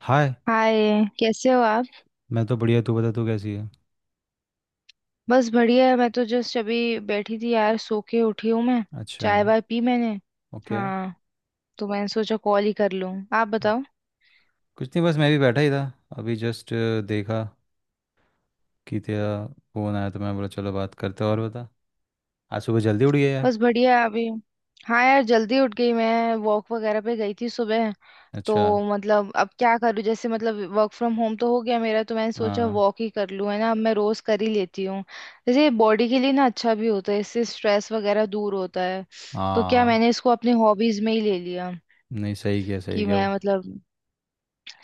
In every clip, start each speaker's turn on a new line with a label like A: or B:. A: हाय।
B: Hi, कैसे हो आप?
A: मैं तो बढ़िया, तू बता, तू कैसी है?
B: बस बढ़िया है। मैं तो जस्ट अभी बैठी थी यार, सो के उठी हूँ मैं।
A: अच्छा।
B: चाय वाय पी मैंने।
A: ओके।
B: हाँ, तो मैंने सोचा कॉल ही कर लूँ, आप बताओ।
A: कुछ नहीं, बस मैं भी बैठा ही था, अभी जस्ट देखा कि तेरा फ़ोन आया तो मैं बोला चलो बात करते हैं। और बता, आज सुबह जल्दी उठ गया यार।
B: बस बढ़िया है अभी। हाँ यार, जल्दी उठ गई मैं, वॉक वगैरह पे गई थी सुबह। तो
A: अच्छा।
B: मतलब अब क्या करूँ, जैसे मतलब वर्क फ्रॉम होम तो हो गया मेरा, तो मैंने सोचा
A: हाँ।
B: वॉक ही कर लूँ, है ना। अब मैं रोज कर ही लेती हूँ। जैसे बॉडी के लिए ना अच्छा भी होता है, इससे स्ट्रेस वगैरह दूर होता है। तो क्या मैंने
A: हाँ,
B: इसको अपनी हॉबीज में ही ले लिया,
A: नहीं सही किया, सही
B: कि
A: किया।
B: मैं मतलब।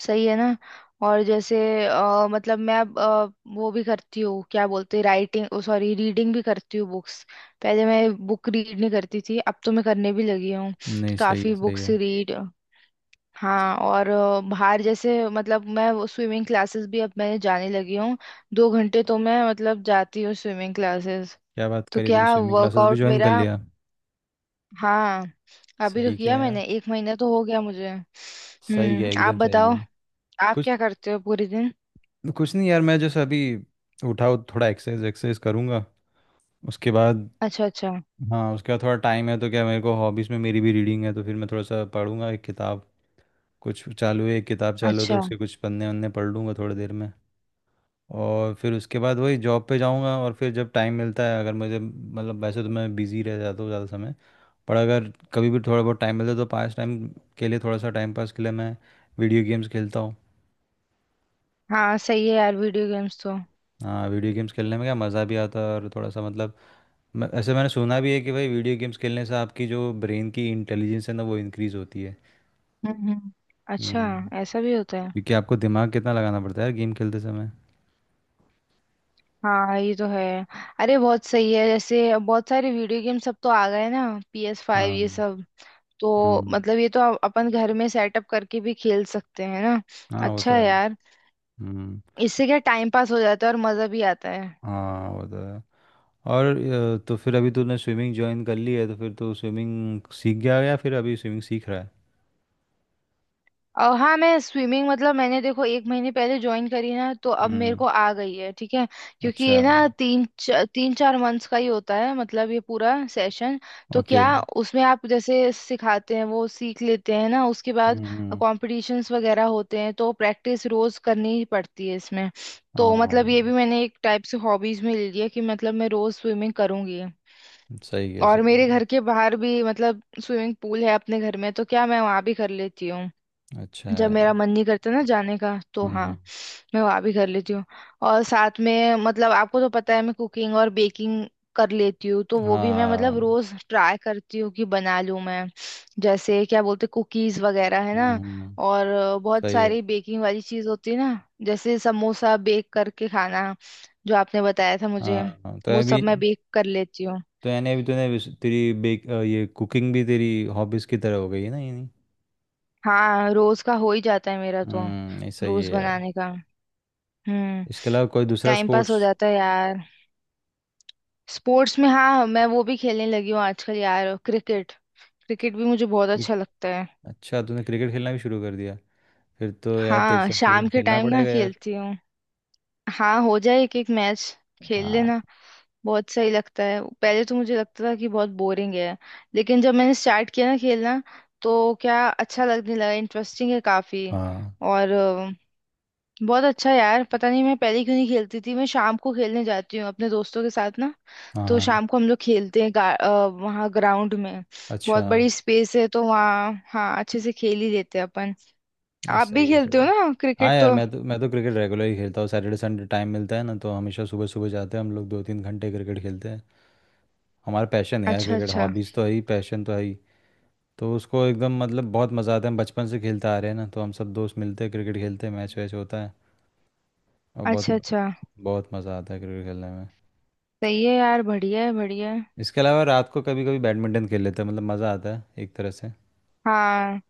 B: सही है ना। और जैसे मतलब मैं अब वो भी करती हूँ, क्या बोलते राइटिंग, ओ सॉरी रीडिंग भी करती हूँ बुक्स। पहले मैं बुक रीड नहीं करती थी, अब तो मैं करने भी लगी हूँ,
A: नहीं सही है,
B: काफी
A: सही
B: बुक्स
A: है।
B: रीड। हाँ और बाहर जैसे मतलब मैं वो स्विमिंग क्लासेस भी अब मैंने जाने लगी हूँ। 2 घंटे तो मैं मतलब जाती हूँ स्विमिंग क्लासेस।
A: क्या बात
B: तो
A: करी तूने,
B: क्या
A: स्विमिंग क्लासेस भी
B: वर्कआउट
A: ज्वाइन कर
B: मेरा।
A: लिया?
B: हाँ, अभी तो
A: सही किया
B: किया
A: यार,
B: मैंने, एक महीना तो हो गया मुझे।
A: सही किया,
B: आप
A: एकदम सही
B: बताओ।
A: किया।
B: आप
A: कुछ
B: क्या करते हो पूरे दिन?
A: कुछ नहीं यार, मैं जैसे अभी उठा हूँ, थोड़ा एक्सरसाइज एक्सरसाइज करूँगा उसके बाद।
B: अच्छा अच्छा।
A: हाँ, उसके बाद थोड़ा टाइम है तो क्या, मेरे को हॉबीज़ में मेरी भी रीडिंग है तो फिर मैं थोड़ा सा पढ़ूंगा एक किताब। कुछ चालू है, एक किताब चालू है तो
B: अच्छा।
A: उसके कुछ पन्ने वन्ने पढ़ लूँगा थोड़ी देर में। और फिर उसके बाद वही जॉब पे जाऊँगा। और फिर जब टाइम मिलता है, अगर मुझे, मतलब वैसे तो मैं बिज़ी रह जाता हूँ ज़्यादा समय, पर अगर कभी भी थोड़ा बहुत टाइम मिलता है तो पास टाइम के लिए, थोड़ा सा टाइम पास के लिए मैं वीडियो गेम्स खेलता हूँ।
B: हाँ सही है यार, वीडियो गेम्स तो।
A: हाँ, वीडियो गेम्स खेलने में क्या मज़ा भी आता है और थोड़ा सा मतलब ऐसे मैंने सुना भी है कि भाई वीडियो गेम्स खेलने से आपकी जो ब्रेन की इंटेलिजेंस है ना, वो इंक्रीज़ होती है।
B: हम्म। हम्म। अच्छा,
A: हम्म,
B: ऐसा भी होता है?
A: क्योंकि आपको दिमाग कितना लगाना पड़ता है यार गेम खेलते समय।
B: हाँ ये तो है। अरे बहुत सही है, जैसे बहुत सारे वीडियो गेम सब तो आ गए ना, PS5
A: हाँ।
B: ये सब। तो
A: हम्म।
B: मतलब ये तो अपन घर में सेटअप करके भी खेल सकते हैं ना।
A: हाँ वो तो
B: अच्छा है
A: है।
B: यार।
A: हम्म।
B: इससे क्या टाइम पास हो जाता है और मजा भी आता है।
A: हाँ वो तो है। और तो फिर अभी तूने स्विमिंग ज्वाइन कर ली है तो फिर तू स्विमिंग सीख गया या फिर अभी स्विमिंग सीख रहा है?
B: और हाँ, मैं स्विमिंग मतलब मैंने देखो एक महीने पहले ज्वाइन करी ना, तो अब मेरे
A: हम्म।
B: को आ गई है, ठीक है। क्योंकि
A: अच्छा।
B: ये ना 3 4 मंथ्स का ही होता है, मतलब ये पूरा सेशन। तो
A: ओके।
B: क्या उसमें आप जैसे सिखाते हैं वो सीख लेते हैं ना, उसके बाद
A: हम्म।
B: कॉम्पिटिशन्स वगैरह होते हैं, तो प्रैक्टिस रोज करनी ही पड़ती है इसमें। तो
A: हाँ
B: मतलब ये भी मैंने एक टाइप से हॉबीज में ले लिया, कि मतलब मैं रोज स्विमिंग करूंगी।
A: सही है,
B: और
A: सही
B: मेरे
A: है।
B: घर के बाहर भी मतलब स्विमिंग पूल है अपने घर में, तो क्या मैं वहां भी कर लेती हूँ।
A: अच्छा
B: जब
A: है।
B: मेरा मन नहीं करता ना जाने का तो हाँ,
A: हम्म।
B: मैं वहाँ भी कर लेती हूँ। और साथ में मतलब आपको तो पता है मैं कुकिंग और बेकिंग कर लेती हूँ, तो वो भी मैं
A: हाँ।
B: मतलब रोज ट्राई करती हूँ कि बना लूँ मैं। जैसे क्या बोलते, कुकीज वगैरह है ना।
A: हम्म।
B: और बहुत
A: सही है।
B: सारी बेकिंग वाली चीज होती है ना, जैसे समोसा बेक करके खाना, जो आपने बताया था मुझे,
A: हाँ तो
B: वो
A: अभी,
B: सब मैं बेक कर लेती हूँ।
A: तो यानी अभी तूने तेरी ये कुकिंग भी तेरी हॉबीज की तरह हो गई है ना, यानी।
B: हाँ रोज का हो ही जाता है मेरा तो,
A: हम्म, नहीं सही
B: रोज
A: है यार।
B: बनाने का। हम्म।
A: इसके अलावा कोई दूसरा
B: टाइम पास हो
A: स्पोर्ट्स?
B: जाता है यार। स्पोर्ट्स में हाँ, मैं वो भी खेलने लगी हूँ आजकल यार, क्रिकेट। क्रिकेट भी मुझे बहुत अच्छा लगता है।
A: अच्छा, तूने क्रिकेट खेलना भी शुरू कर दिया? फिर तो यार तेरे
B: हाँ,
A: साथ
B: शाम
A: क्रिकेट
B: के
A: खेलना
B: टाइम ना
A: पड़ेगा यार।
B: खेलती हूँ। हाँ, हो जाए एक एक मैच, खेल
A: हाँ।
B: लेना। बहुत सही लगता है, पहले तो मुझे लगता था कि बहुत बोरिंग है, लेकिन जब मैंने स्टार्ट किया ना खेलना, तो क्या अच्छा लगने लगा, इंटरेस्टिंग है काफी।
A: हाँ।
B: और बहुत अच्छा है यार, पता नहीं मैं पहले क्यों नहीं खेलती थी। मैं शाम को खेलने जाती हूँ अपने दोस्तों के साथ ना, तो
A: हाँ।
B: शाम को हम लोग खेलते हैं वहाँ ग्राउंड में।
A: अच्छा।
B: बहुत बड़ी स्पेस है, तो वहाँ हाँ अच्छे से खेल ही लेते हैं अपन।
A: नहीं
B: आप
A: सही
B: भी
A: है, सही
B: खेलते हो
A: है।
B: ना
A: हाँ
B: क्रिकेट
A: यार,
B: तो?
A: मैं तो क्रिकेट रेगुलर ही खेलता हूँ, सैटरडे संडे टाइम मिलता है ना तो हमेशा सुबह सुबह जाते हैं हम लोग, दो तीन घंटे क्रिकेट खेलते हैं। हमारा पैशन है यार
B: अच्छा
A: क्रिकेट,
B: अच्छा।
A: हॉबीज़ तो है ही, पैशन तो है ही। तो उसको एकदम मतलब बहुत मज़ा आता है, हम बचपन से खेलते आ रहे हैं ना, तो हम सब दोस्त मिलते हैं क्रिकेट खेलते हैं, मैच वैच होता है और बहुत
B: अच्छा अच्छा।
A: बहुत मज़ा आता है क्रिकेट खेलने में।
B: सही है यार, बढ़िया है बढ़िया है।
A: इसके अलावा रात को कभी कभी बैडमिंटन खेल लेते हैं, मतलब मज़ा आता है एक तरह से।
B: हाँ,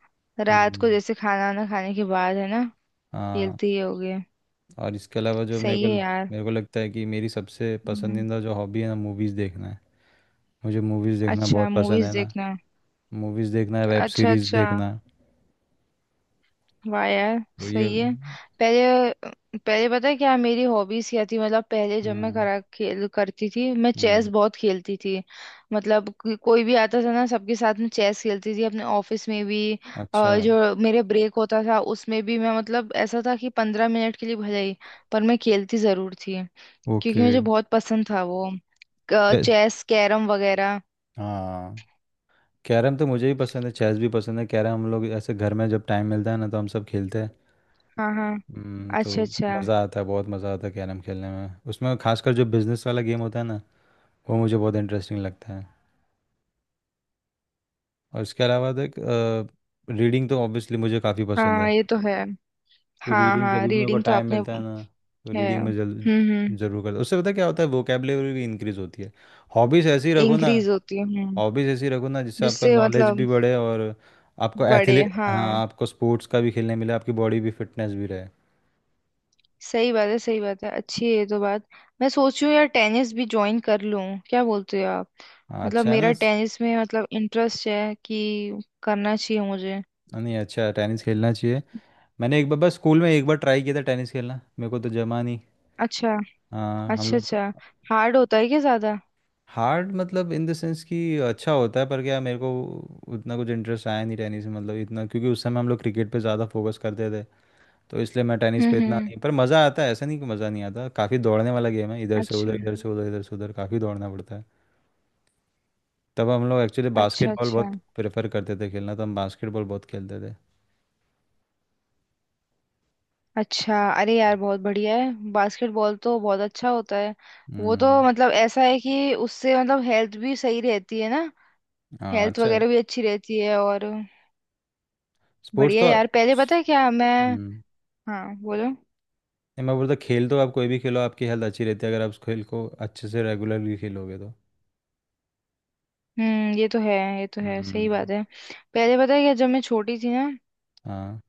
B: रात को
A: हम्म।
B: जैसे खाना वाना खाने के बाद है ना,
A: हाँ।
B: खेलते ही होगे।
A: और इसके अलावा जो मेरे
B: सही
A: को
B: है यार।
A: मेरे को लगता है कि मेरी सबसे
B: हम्म,
A: पसंदीदा जो हॉबी है ना, मूवीज़ देखना है। मुझे मूवीज़ देखना
B: अच्छा
A: बहुत पसंद है
B: मूवीज
A: ना।
B: देखना।
A: मूवीज़ देखना है, वेब
B: अच्छा
A: सीरीज़
B: अच्छा।
A: देखना है।
B: वाह यार।
A: तो ये।
B: सही है। पहले पहले पता है क्या मेरी हॉबीज क्या थी, मतलब पहले जब मैं
A: हम्म।
B: करा खेल करती थी, मैं चेस
A: हम्म।
B: बहुत खेलती थी। मतलब कोई भी आता था ना, सबके साथ में चेस खेलती थी अपने ऑफिस में भी।
A: अच्छा है।
B: जो मेरे ब्रेक होता था उसमें भी मैं मतलब, ऐसा था कि 15 मिनट के लिए भले ही, पर मैं खेलती जरूर थी, क्योंकि
A: ओके।
B: मुझे बहुत पसंद था वो,
A: कै-
B: चेस कैरम वगैरह।
A: हाँ, कैरम तो मुझे भी पसंद है, चेस भी पसंद है। कैरम हम लोग ऐसे घर में जब टाइम मिलता है ना तो हम सब खेलते हैं।
B: हाँ हाँ।
A: तो
B: अच्छा अच्छा।
A: मज़ा आता है, बहुत मज़ा आता है कैरम खेलने में, उसमें खासकर जो बिजनेस वाला गेम होता है ना, वो मुझे बहुत इंटरेस्टिंग लगता है। और इसके अलावा देख, रीडिंग तो ऑब्वियसली मुझे काफ़ी पसंद
B: हाँ
A: है।
B: ये तो है।
A: तो
B: हाँ
A: रीडिंग जब
B: हाँ,
A: भी मेरे को
B: रीडिंग तो
A: टाइम
B: आपने।
A: मिलता है ना तो
B: है।
A: रीडिंग में जल
B: हम्म। हम्म।
A: ज़रूर करता हूँ। उससे पता है क्या होता है, वोकेबलरी भी इंक्रीज़ होती है। हॉबीज़ ऐसी रखो ना,
B: इंक्रीज होती है। हम्म।
A: हॉबीज़ ऐसी रखो ना जिससे आपका
B: जिससे
A: नॉलेज भी
B: मतलब।
A: बढ़े और आपको
B: बड़े
A: एथलीट,
B: हाँ।
A: हाँ, आपको स्पोर्ट्स का भी खेलने मिले, आपकी बॉडी भी, फिटनेस भी रहे।
B: सही बात है सही बात है, अच्छी है ये तो बात। मैं सोच रही हूँ यार, टेनिस भी ज्वाइन कर लूँ, क्या बोलते हो आप?
A: हाँ
B: मतलब
A: अच्छा है ना।
B: मेरा टेनिस में मतलब इंटरेस्ट है, कि करना चाहिए मुझे।
A: हाँ, नहीं अच्छा है, टेनिस खेलना चाहिए। मैंने एक बार बस स्कूल में एक बार ट्राई किया था टेनिस खेलना, मेरे को तो जमा नहीं।
B: अच्छा।
A: हाँ हम
B: अच्छा
A: लोग।
B: अच्छा। हार्ड होता है क्या ज्यादा?
A: हार्ड मतलब इन द सेंस कि अच्छा होता है, पर क्या मेरे को उतना कुछ इंटरेस्ट आया नहीं टेनिस में, मतलब इतना, क्योंकि उस समय हम लोग क्रिकेट पे ज़्यादा फोकस करते थे, तो इसलिए मैं टेनिस
B: हम्म।
A: पे इतना
B: हम्म।
A: नहीं। पर मज़ा आता है, ऐसा नहीं कि मज़ा नहीं आता, काफ़ी दौड़ने वाला गेम है, इधर से
B: अच्छा।
A: उधर, इधर से उधर, इधर से उधर, काफ़ी दौड़ना पड़ता है। तब हम लोग एक्चुअली
B: अच्छा
A: बास्केटबॉल
B: अच्छा।
A: बहुत प्रेफर करते थे खेलना, तो हम बास्केटबॉल बहुत खेलते थे।
B: अच्छा। अरे यार बहुत बढ़िया है, बास्केटबॉल तो बहुत अच्छा होता है। वो तो
A: हम्म।
B: मतलब ऐसा है कि उससे मतलब हेल्थ भी सही रहती है ना।
A: हाँ
B: हेल्थ
A: अच्छा है,
B: वगैरह भी अच्छी रहती है। और
A: स्पोर्ट्स
B: बढ़िया
A: तो।
B: यार, पहले पता है क्या मैं।
A: हम्म।
B: हाँ बोलो।
A: नहीं, मैं बोलता खेल तो आप कोई भी खेलो, आपकी हेल्थ अच्छी रहती है अगर आप उस खेल को अच्छे से रेगुलरली खेलोगे तो।
B: ये तो है। ये तो है, सही
A: हम्म।
B: बात है। पहले पता है क्या, जब मैं छोटी थी ना,
A: हाँ।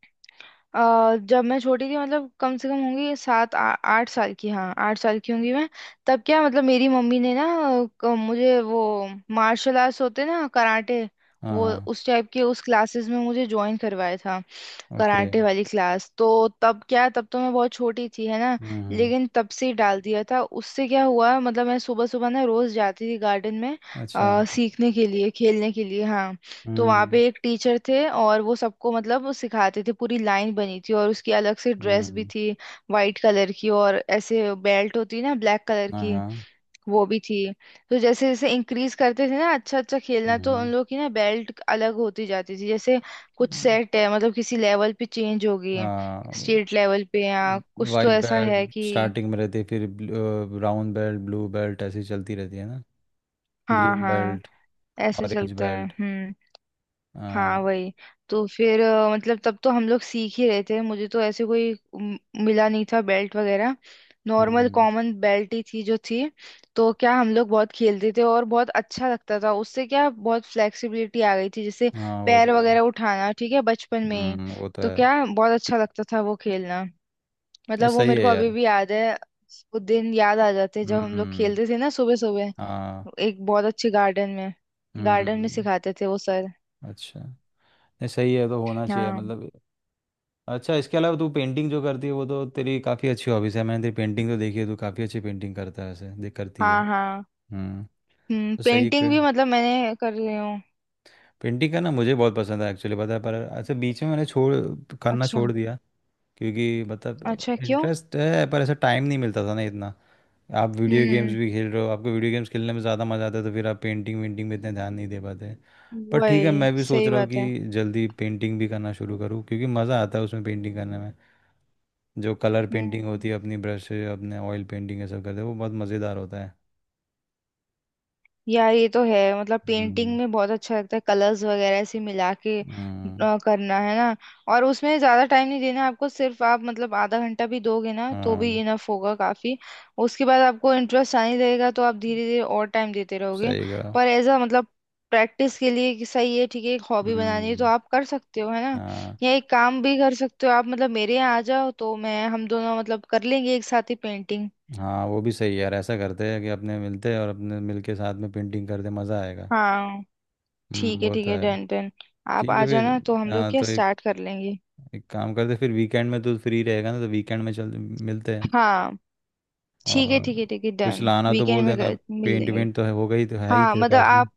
B: जब मैं छोटी थी, मतलब कम से कम होंगी आठ साल की, हाँ 8 साल की होंगी मैं। तब क्या, मतलब मेरी मम्मी ने ना मुझे वो मार्शल आर्ट्स होते ना कराटे,
A: हाँ।
B: वो
A: हाँ।
B: उस टाइप के उस क्लासेस में मुझे ज्वाइन करवाया था,
A: ओके।
B: कराटे वाली क्लास तो। तब क्या, तब तो मैं बहुत छोटी थी है ना,
A: हम्म।
B: लेकिन तब से ही डाल दिया था। उससे क्या हुआ मतलब, मैं सुबह सुबह ना रोज जाती थी गार्डन में,
A: अच्छा।
B: सीखने के लिए खेलने के लिए, हाँ। तो वहाँ
A: हम्म।
B: पे एक टीचर थे और वो सबको मतलब वो सिखाते थे, पूरी लाइन बनी थी, और उसकी अलग से ड्रेस भी
A: हम्म।
B: थी, वाइट कलर की। और ऐसे बेल्ट होती है ना ब्लैक कलर
A: हाँ।
B: की,
A: हाँ।
B: वो भी थी। तो जैसे जैसे इंक्रीज करते थे ना अच्छा अच्छा खेलना, तो उन
A: हम्म।
B: लोग की ना बेल्ट अलग होती जाती थी, जैसे कुछ
A: हम्म,
B: सेट है, मतलब किसी लेवल पे चेंज हो गई,
A: हाँ।
B: स्टेट लेवल पे या कुछ, तो
A: वाइट
B: ऐसा है
A: बेल्ट
B: कि।
A: स्टार्टिंग में रहती है, फिर ब्राउन बेल्ट, ब्लू बेल्ट ऐसी चलती रहती है ना,
B: हाँ
A: ग्रीन
B: हाँ,
A: बेल्ट,
B: ऐसे
A: ऑरेंज
B: चलता है।
A: बेल्ट।
B: हम्म।
A: हाँ।
B: हाँ वही। तो फिर मतलब तब तो हम लोग सीख ही रहे थे, मुझे तो ऐसे कोई मिला नहीं था बेल्ट वगैरह, नॉर्मल
A: हम्म।
B: कॉमन बेल्ट ही थी जो थी। तो क्या हम लोग बहुत खेलते थे और बहुत अच्छा लगता था। उससे क्या बहुत फ्लेक्सिबिलिटी आ गई थी, जैसे
A: हाँ वो
B: पैर
A: तो है।
B: वगैरह उठाना, ठीक है बचपन में ही।
A: वो तो
B: तो
A: है।
B: क्या बहुत अच्छा लगता था वो खेलना,
A: ये
B: मतलब वो
A: सही
B: मेरे
A: है
B: को अभी
A: यार।
B: भी याद है। वो दिन याद आ जाते हैं जब हम लोग
A: हम्म।
B: खेलते थे ना सुबह सुबह,
A: हाँ।
B: एक बहुत अच्छे गार्डन में। गार्डन में
A: हम्म।
B: सिखाते थे वो सर।
A: अच्छा। ये सही है, तो होना चाहिए
B: हाँ
A: मतलब। अच्छा, इसके अलावा तू पेंटिंग जो करती है वो तो तेरी काफ़ी अच्छी हॉबीज है। मैंने तेरी पेंटिंग तो देखी है, तू काफ़ी अच्छी पेंटिंग करता है ऐसे, देख करती है।
B: हाँ। हाँ।
A: हम्म। तो सही, एक
B: पेंटिंग भी मतलब मैंने कर रही हूँ।
A: पेंटिंग करना मुझे बहुत पसंद है एक्चुअली पता है, पर अच्छा बीच में मैंने छोड़, करना
B: अच्छा।
A: छोड़ दिया, क्योंकि मतलब
B: अच्छा क्यों?
A: इंटरेस्ट है पर ऐसा टाइम नहीं मिलता था ना इतना। आप वीडियो गेम्स
B: हम्म
A: भी खेल रहे हो, आपको वीडियो गेम्स खेलने में ज़्यादा मज़ा आता है तो फिर आप पेंटिंग वेंटिंग में इतना ध्यान नहीं दे पाते। पर ठीक है,
B: वही
A: मैं भी सोच
B: सही
A: रहा हूँ
B: बात है।
A: कि जल्दी पेंटिंग भी करना शुरू करूँ, क्योंकि मज़ा आता है उसमें, पेंटिंग करने में। जो कलर पेंटिंग
B: हम्म
A: होती है अपनी ब्रश से, अपने ऑयल पेंटिंग ये सब करते हैं, वो बहुत मज़ेदार होता है।
B: यार ये तो है, मतलब
A: हम्म।
B: पेंटिंग में बहुत अच्छा लगता है, कलर्स वगैरह ऐसे मिला के
A: हम्म।
B: करना है ना। और उसमें ज्यादा टाइम नहीं देना आपको, सिर्फ आप मतलब आधा घंटा भी दोगे ना तो भी
A: हाँ
B: इनफ होगा काफी। उसके बाद आपको इंटरेस्ट आने लगेगा, तो आप धीरे धीरे और टाइम देते रहोगे।
A: सही कहा।
B: पर एज अ मतलब प्रैक्टिस के लिए, कि सही है ठीक है, एक हॉबी बनानी है तो
A: हम्म।
B: आप कर सकते हो है ना।
A: हाँ।
B: या एक काम भी कर सकते हो आप, मतलब मेरे यहाँ आ जाओ तो मैं हम दोनों मतलब कर लेंगे एक साथ ही पेंटिंग।
A: हाँ वो भी सही है यार, ऐसा करते हैं कि अपने मिलते हैं और अपने मिल के साथ में पेंटिंग करते, मज़ा आएगा।
B: हाँ। ठीक है
A: वो
B: ठीक
A: तो
B: है,
A: है।
B: Done done. आप
A: ठीक है
B: आ
A: फिर।
B: जाना तो हम लोग
A: हाँ
B: क्या
A: तो एक
B: स्टार्ट कर लेंगे।
A: एक काम करते, फिर वीकेंड में तो फ्री रहेगा ना, तो वीकेंड में चल मिलते हैं।
B: हाँ। ठीक है
A: और
B: ठीक है ठीक है
A: कुछ
B: डन,
A: लाना तो
B: वीकेंड
A: बोल
B: में
A: देना,
B: मिल
A: पेंट
B: लेंगे।
A: वेंट तो है, होगा ही, तो है ही
B: हाँ,
A: तेरे
B: मतलब
A: पास ना।
B: आप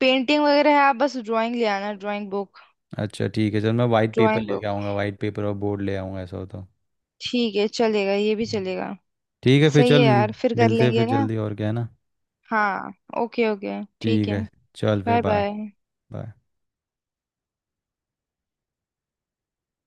B: पेंटिंग वगैरह है, आप बस ड्राइंग ले आना, ड्राइंग बुक।
A: अच्छा ठीक है, चल मैं वाइट पेपर
B: ड्राइंग
A: लेके
B: बुक।
A: आऊँगा, वाइट पेपर और बोर्ड ले आऊँगा ऐसा, हो तो।
B: ठीक है चलेगा, ये भी चलेगा।
A: ठीक है फिर,
B: सही
A: चल
B: है यार, फिर कर
A: मिलते हैं
B: लेंगे
A: फिर
B: ना।
A: जल्दी, और क्या है ना।
B: हाँ। ओके ओके ठीक
A: ठीक
B: है।
A: है। चल फिर,
B: बाय
A: बाय
B: बाय।
A: बाय।